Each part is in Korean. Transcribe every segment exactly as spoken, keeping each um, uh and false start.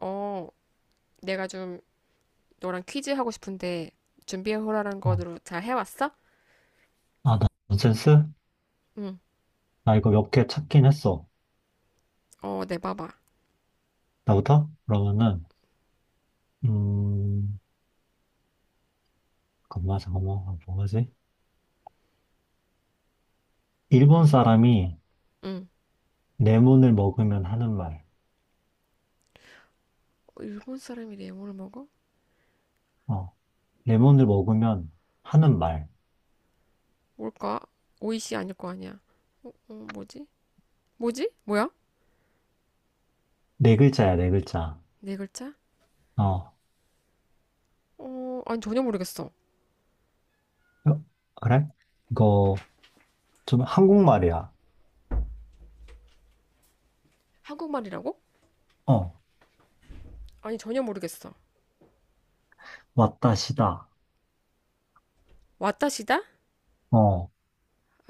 어, 내가 좀 너랑 퀴즈 하고 싶은데 준비해오라는 어. 거로 잘 해왔어? 아, 나- 넌센스? 응. 나 이거 몇 개 찾긴 했어. 어, 내봐봐. 나부터? 그러면은, 음, 잠깐만, 잠깐만, 아, 뭐하지? 일본 응. 사람이 응. 레몬을 먹으면 하는 말. 일본 사람이 래모를 먹어? 어, 레몬을 먹으면 하는 말. 뭘까? 오이시 아닐 거 아니야. 어, 어, 뭐지? 뭐지? 뭐야? 네 글자야, 네 글자. 네 글자? 어, 어, 어, 아니 전혀 모르겠어. 그래? 이거 좀 한국말이야. 한국말이라고? 어, 아니 전혀 모르겠어. 왔다시다. 왔다시다? 어,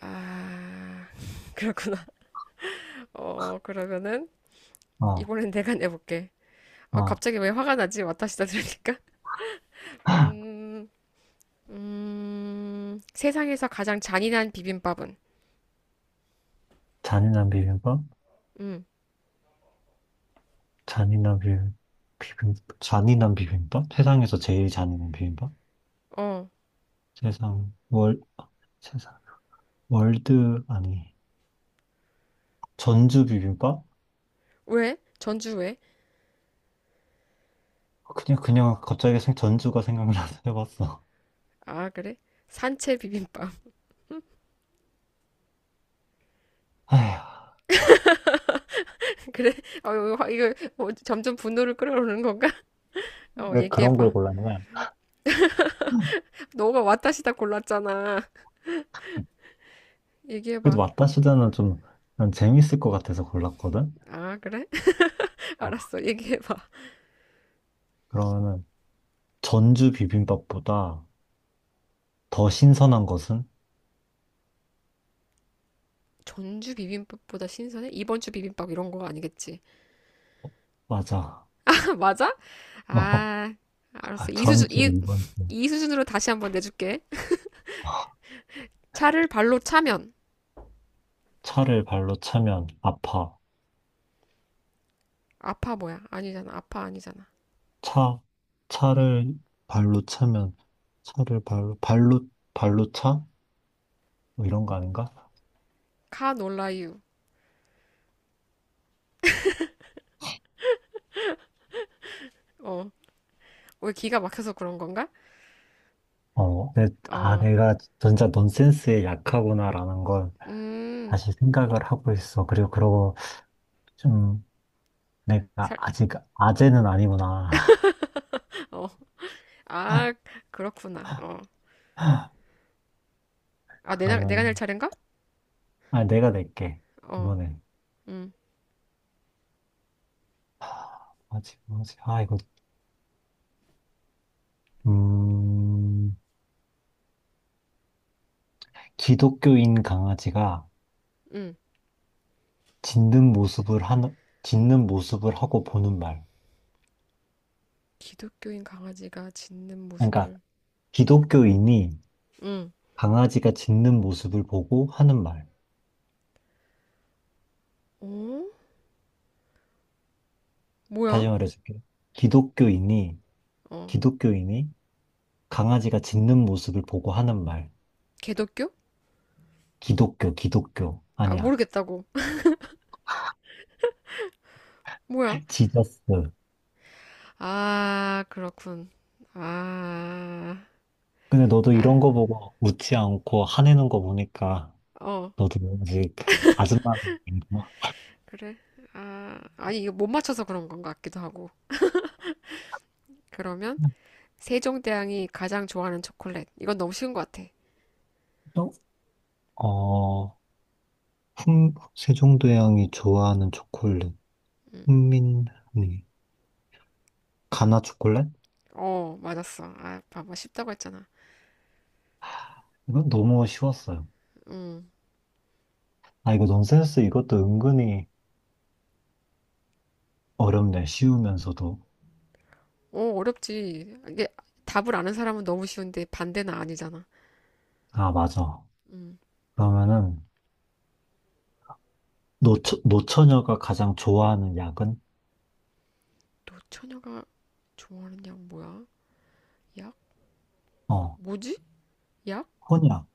아, 그렇구나. 어, 그러면은 어, 이번엔 내가 내볼게. 아, 어. 갑자기 왜 화가 나지? 왔다시다 들으니까. 음, 음, 세상에서 가장 잔인한 비빔밥은? 잔인한 비빔밥? 음. 잔인한 비빔, 비빔, 잔인한 비빔밥? 세상에서 제일 잔인한 비빔밥? 어, 세상 월 세상 월드 아니 전주 비빔밥? 왜? 전주 왜? 그냥 그냥 갑자기 생 전주가 생각나서 해봤어. 아, 그래? 산채 비빔밥. 아휴. 그래? 어, 이거, 이거 뭐 점점 분노를 끌어오는 건가? 어, 왜 그런 걸 얘기해봐. 골랐냐? 너가 왔다시다 골랐잖아. 그래도 얘기해봐. 왔다시다는 좀난 재밌을 것 같아서 골랐거든. 아, 그래? 어, 알았어. 얘기해봐. 그러면은 전주 비빔밥보다 더 신선한 것은. 전주 비빔밥보다 신선해? 이번 주 비빔밥 이런 거 아니겠지? 맞아. 맞아? 어, 아, 알았어. 이 수준, 전주 이, 이 번. 이 수준으로 다시 한번 내줄게. 차를 발로 차면 차를 발로 차면 아파. 아파 뭐야? 아니잖아. 아파 아니잖아. 차 차를 발로 차면 차를 발로 발로 발로 차? 뭐 이런 거 아닌가? 카놀라유. 어, 왜 기가 막혀서 그런 건가? 어, 내, 아, 어, 내가 진짜 넌센스에 약하구나라는 걸 음, 다시 생각을 하고 있어. 그리고 그러고 좀 내가 살, 아직 아재는 아니구나. 어, 아, 그렇구나. 어, 아, 내, 가 내가 낼 그러면, 차례인가? 아, 내가 낼게. 어, 이번엔. 음. 하, 뭐지, 뭐지? 아, 이거, 음, 기독교인 강아지가 음. 짖는 모습을 하는, 짖는 모습을 하고 보는 말. 기독교인 강아지가 짖는 그러니까, 모습을, 기독교인이 음, 강아지가 짖는 모습을 보고 하는 말. 어? 뭐야? 다시 말해줄게. 기독교인이, 어, 기독교인이 강아지가 짖는 모습을 보고 하는 말. 개독교? 기독교, 기독교. 아, 아니야. 모르겠다고. 뭐야? 지저스. 아, 그렇군. 아, 근데 너도 아, 이런 거 보고 웃지 않고 화내는 거 보니까 어, 너도 아직 아줌마 아닌가? 그래. 아, 아니, 이거 못 맞춰서 그런 건가 같기도 하고. 그러면, 세종대왕이 가장 좋아하는 초콜릿. 이건 너무 쉬운 것 같아. 어, 어, 훈, 세종대왕이 좋아하는 초콜릿. 훈민리. 가나 초콜릿? 어, 맞았어. 아, 봐봐. 쉽다고 했잖아. 이건 너무 쉬웠어요. 음. 아, 이거 넌센스 이것도 은근히 어렵네. 쉬우면서도. 어, 어렵지. 이게 답을 아는 사람은 너무 쉬운데 반대는 아니잖아. 아, 맞아. 그러면은 노처, 노처녀가 가장 좋아하는 약은? 노처녀가 좋아하는 약 뭐야? 약? 어, 뭐지? 약? 혼약,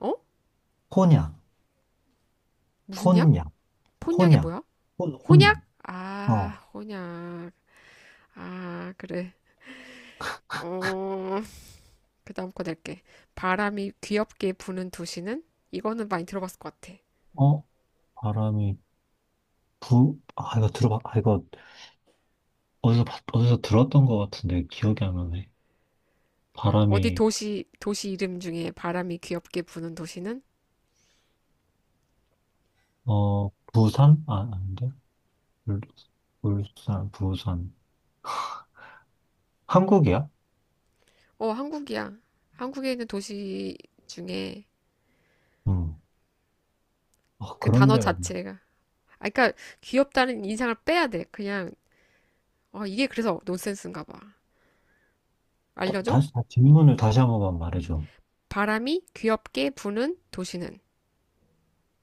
어? 혼약, 무슨 약? 혼약, 폰약이 혼약, 뭐야? 혼, 혼. 혼약? 어, 아, 혼약. 아, 그래. 어, 그 다음 거 낼게. 바람이 귀엽게 부는 도시는? 이거는 많이 들어봤을 것 같아. 어, 바람이 부, 아, 이거 들어봐. 아, 이거 어디서, 봤- 어디서 들었던 것 같은데 기억이 안 나네. 어디 바람이, 도시, 도시 이름 중에 바람이 귀엽게 부는 도시는? 어, 부산? 아, 아닌데? 울, 울산, 부산. 한국이야? 어, 한국이야. 한국에 있는 도시 중에 음. 아 그 그런 단어 데가, 자체가. 아, 그러니까 귀엽다는 인상을 빼야 돼. 그냥, 어, 이게 그래서 논센스인가 봐. 다, 알려줘? 다시, 다- 질문을 다시 한 번만 말해줘. 바람이 귀엽게 부는 도시는?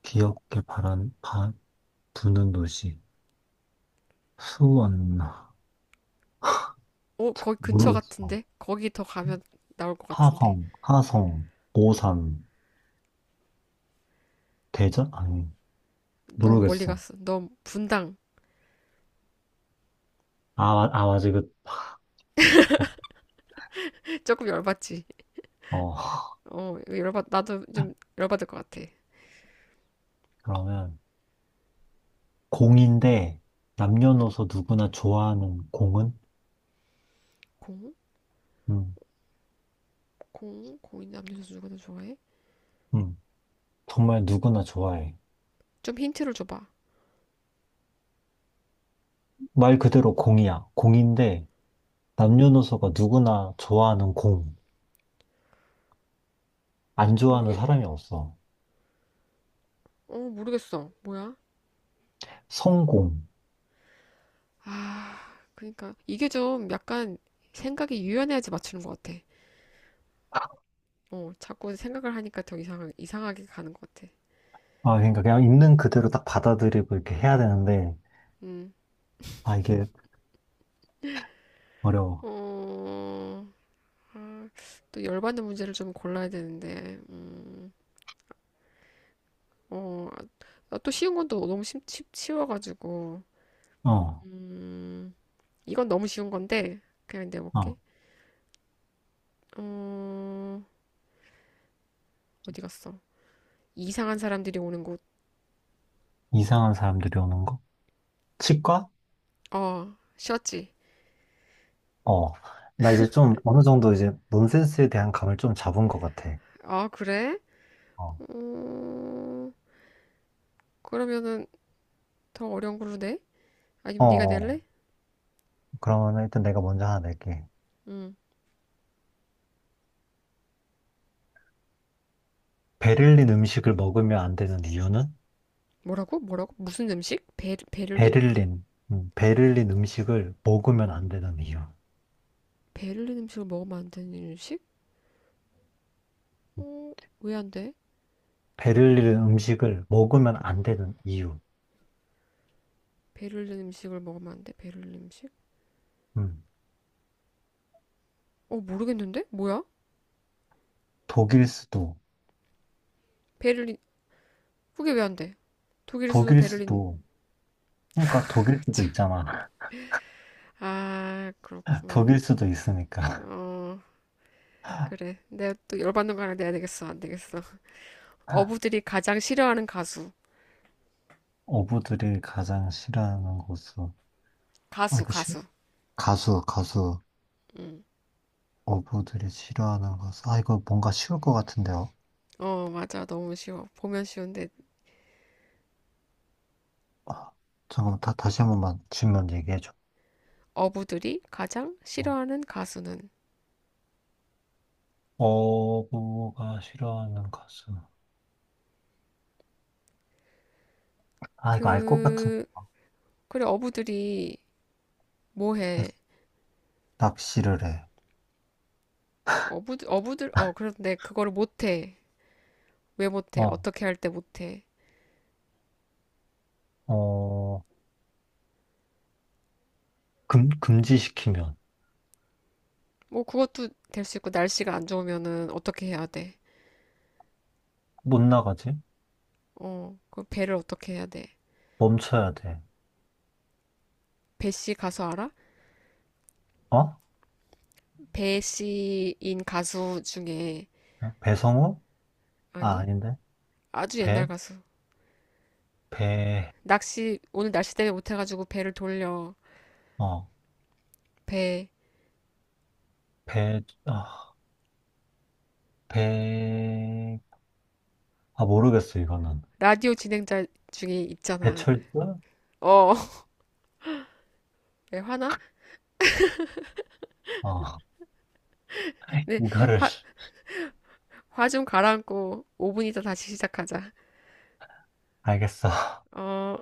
기억에 바람, 바, 부는 도시. 수원. 어, 거기 근처 모르겠어. 같은데? 거기 더 가면 나올 것 같은데? 화성, 하성, 오산, 대전? 아니, 너무 멀리 모르겠어. 갔어. 너무 분당. 아, 마- 아, 맞아. 그, 조금 열받지? 어, 어, 열받, 나도 좀 열받을 것 같아. 그러면, 공인데, 남녀노소 누구나 좋아하는 공은? 공? 음, 공? 공인 남녀 선수 누가 더 좋아해? 음, 정말 누구나 좋아해. 좀 힌트를 줘봐. 말 그대로 공이야. 공인데, 남녀노소가 누구나 좋아하는 공. 안 좋아하는 모르겠, 사람이 없어. 어, 모르겠어. 뭐야? 성공. 아, 그러니까 이게 좀 약간 생각이 유연해야지 맞추는 것 같아. 어, 자꾸 생각을 하니까 더 이상, 이상하게 가는 것 같아. 아, 그러니까 그냥 있는 그대로 딱 받아들이고 이렇게 해야 되는데, 음, 아, 이게 어려워. 어, 아, 또 열받는 문제를 좀 골라야 되는데, 음, 어, 아, 또 쉬운 건 또 너무 쉽, 쉽, 쉬워가지고, 어. 음, 이건 너무 쉬운 건데, 그냥 내볼게. 어. 어, 어디 갔어? 이상한 사람들이 오는 곳. 이상한 사람들이 오는 거? 치과? 어, 쉬었지? 어. 나 이제 좀 어느 정도 이제 논센스에 대한 감을 좀 잡은 것 같아. 아, 그래? 어. 어, 그러면은 더 어려운 걸로 내? 어, 아니면 네가 어. 낼래? 그러면 일단 내가 먼저 하나 낼게. 음. 베를린 음식을 먹으면 안 되는 이유는? 뭐라고? 뭐라고? 무슨 음식? 베, 베를린? 베를린. 음, 베를린 음식을 먹으면 안 되는 이유. 베를린 음식을 먹으면 안 되는 음식? 어, 왜 안 돼? 베를린 베를린. 음식을 먹으면 안 되는 이유. 베를린 음식을 먹으면 안 돼? 베를린 음식? 음. 어, 모르겠는데? 뭐야? 독일 수도. 베를린. 그게 왜 안 돼? 독일 수도 독일 베를린. 수도. 그러니까 독일 수도 있잖아. 아, 그렇구만. 독일 수도 있으니까. 어, 그래. 내가 또 열받는 거 하나 내야 되겠어. 안 되겠어. 어부들이 가장 싫어하는 가수. 어부들이 가장 싫어하는 곳으로. 아, 가수, 이거 가수. 가수, 가수. 어부들이 싫어하는 가수. 아, 이거 뭔가 쉬울 것 같은데요. 어, 맞아. 너무 쉬워. 보면 쉬운데 아, 잠깐만, 다, 다시 한 번만 질문 얘기해줘. 어부들이 가장 싫어하는 가수는 어부가 싫어하는 가수. 아, 이거 알 것 같은. 그 그래 어부들이 뭐해. 낚시를 해. 어부 어부들 어 그런데 그거를 못해. 왜 못해? 어, 어떻게 할 때 못해? 어, 금, 금지시키면 뭐 그것도 될 수 있고 날씨가 안 좋으면은 어떻게 해야 못 나가지? 돼어그 배를 어떻게 해야 돼? 멈춰야 돼. 배씨 가수 알아? 어? 배씨인 가수 중에. 배성우? 아, 아니, 아닌데. 아주 옛날 배? 가수. 배, 낚시 오늘 날씨 때문에 못해가지고 배를 돌려. 어, 배. 배, 아, 배, 아, 모르겠어, 이거는. 라디오 진행자 중에 있잖아. 배철수? 어. 왜 화나? 어, 네, 이거를 화, 화 좀 가라앉고 오 분 있다 다시 시작하자. 알겠어. 어,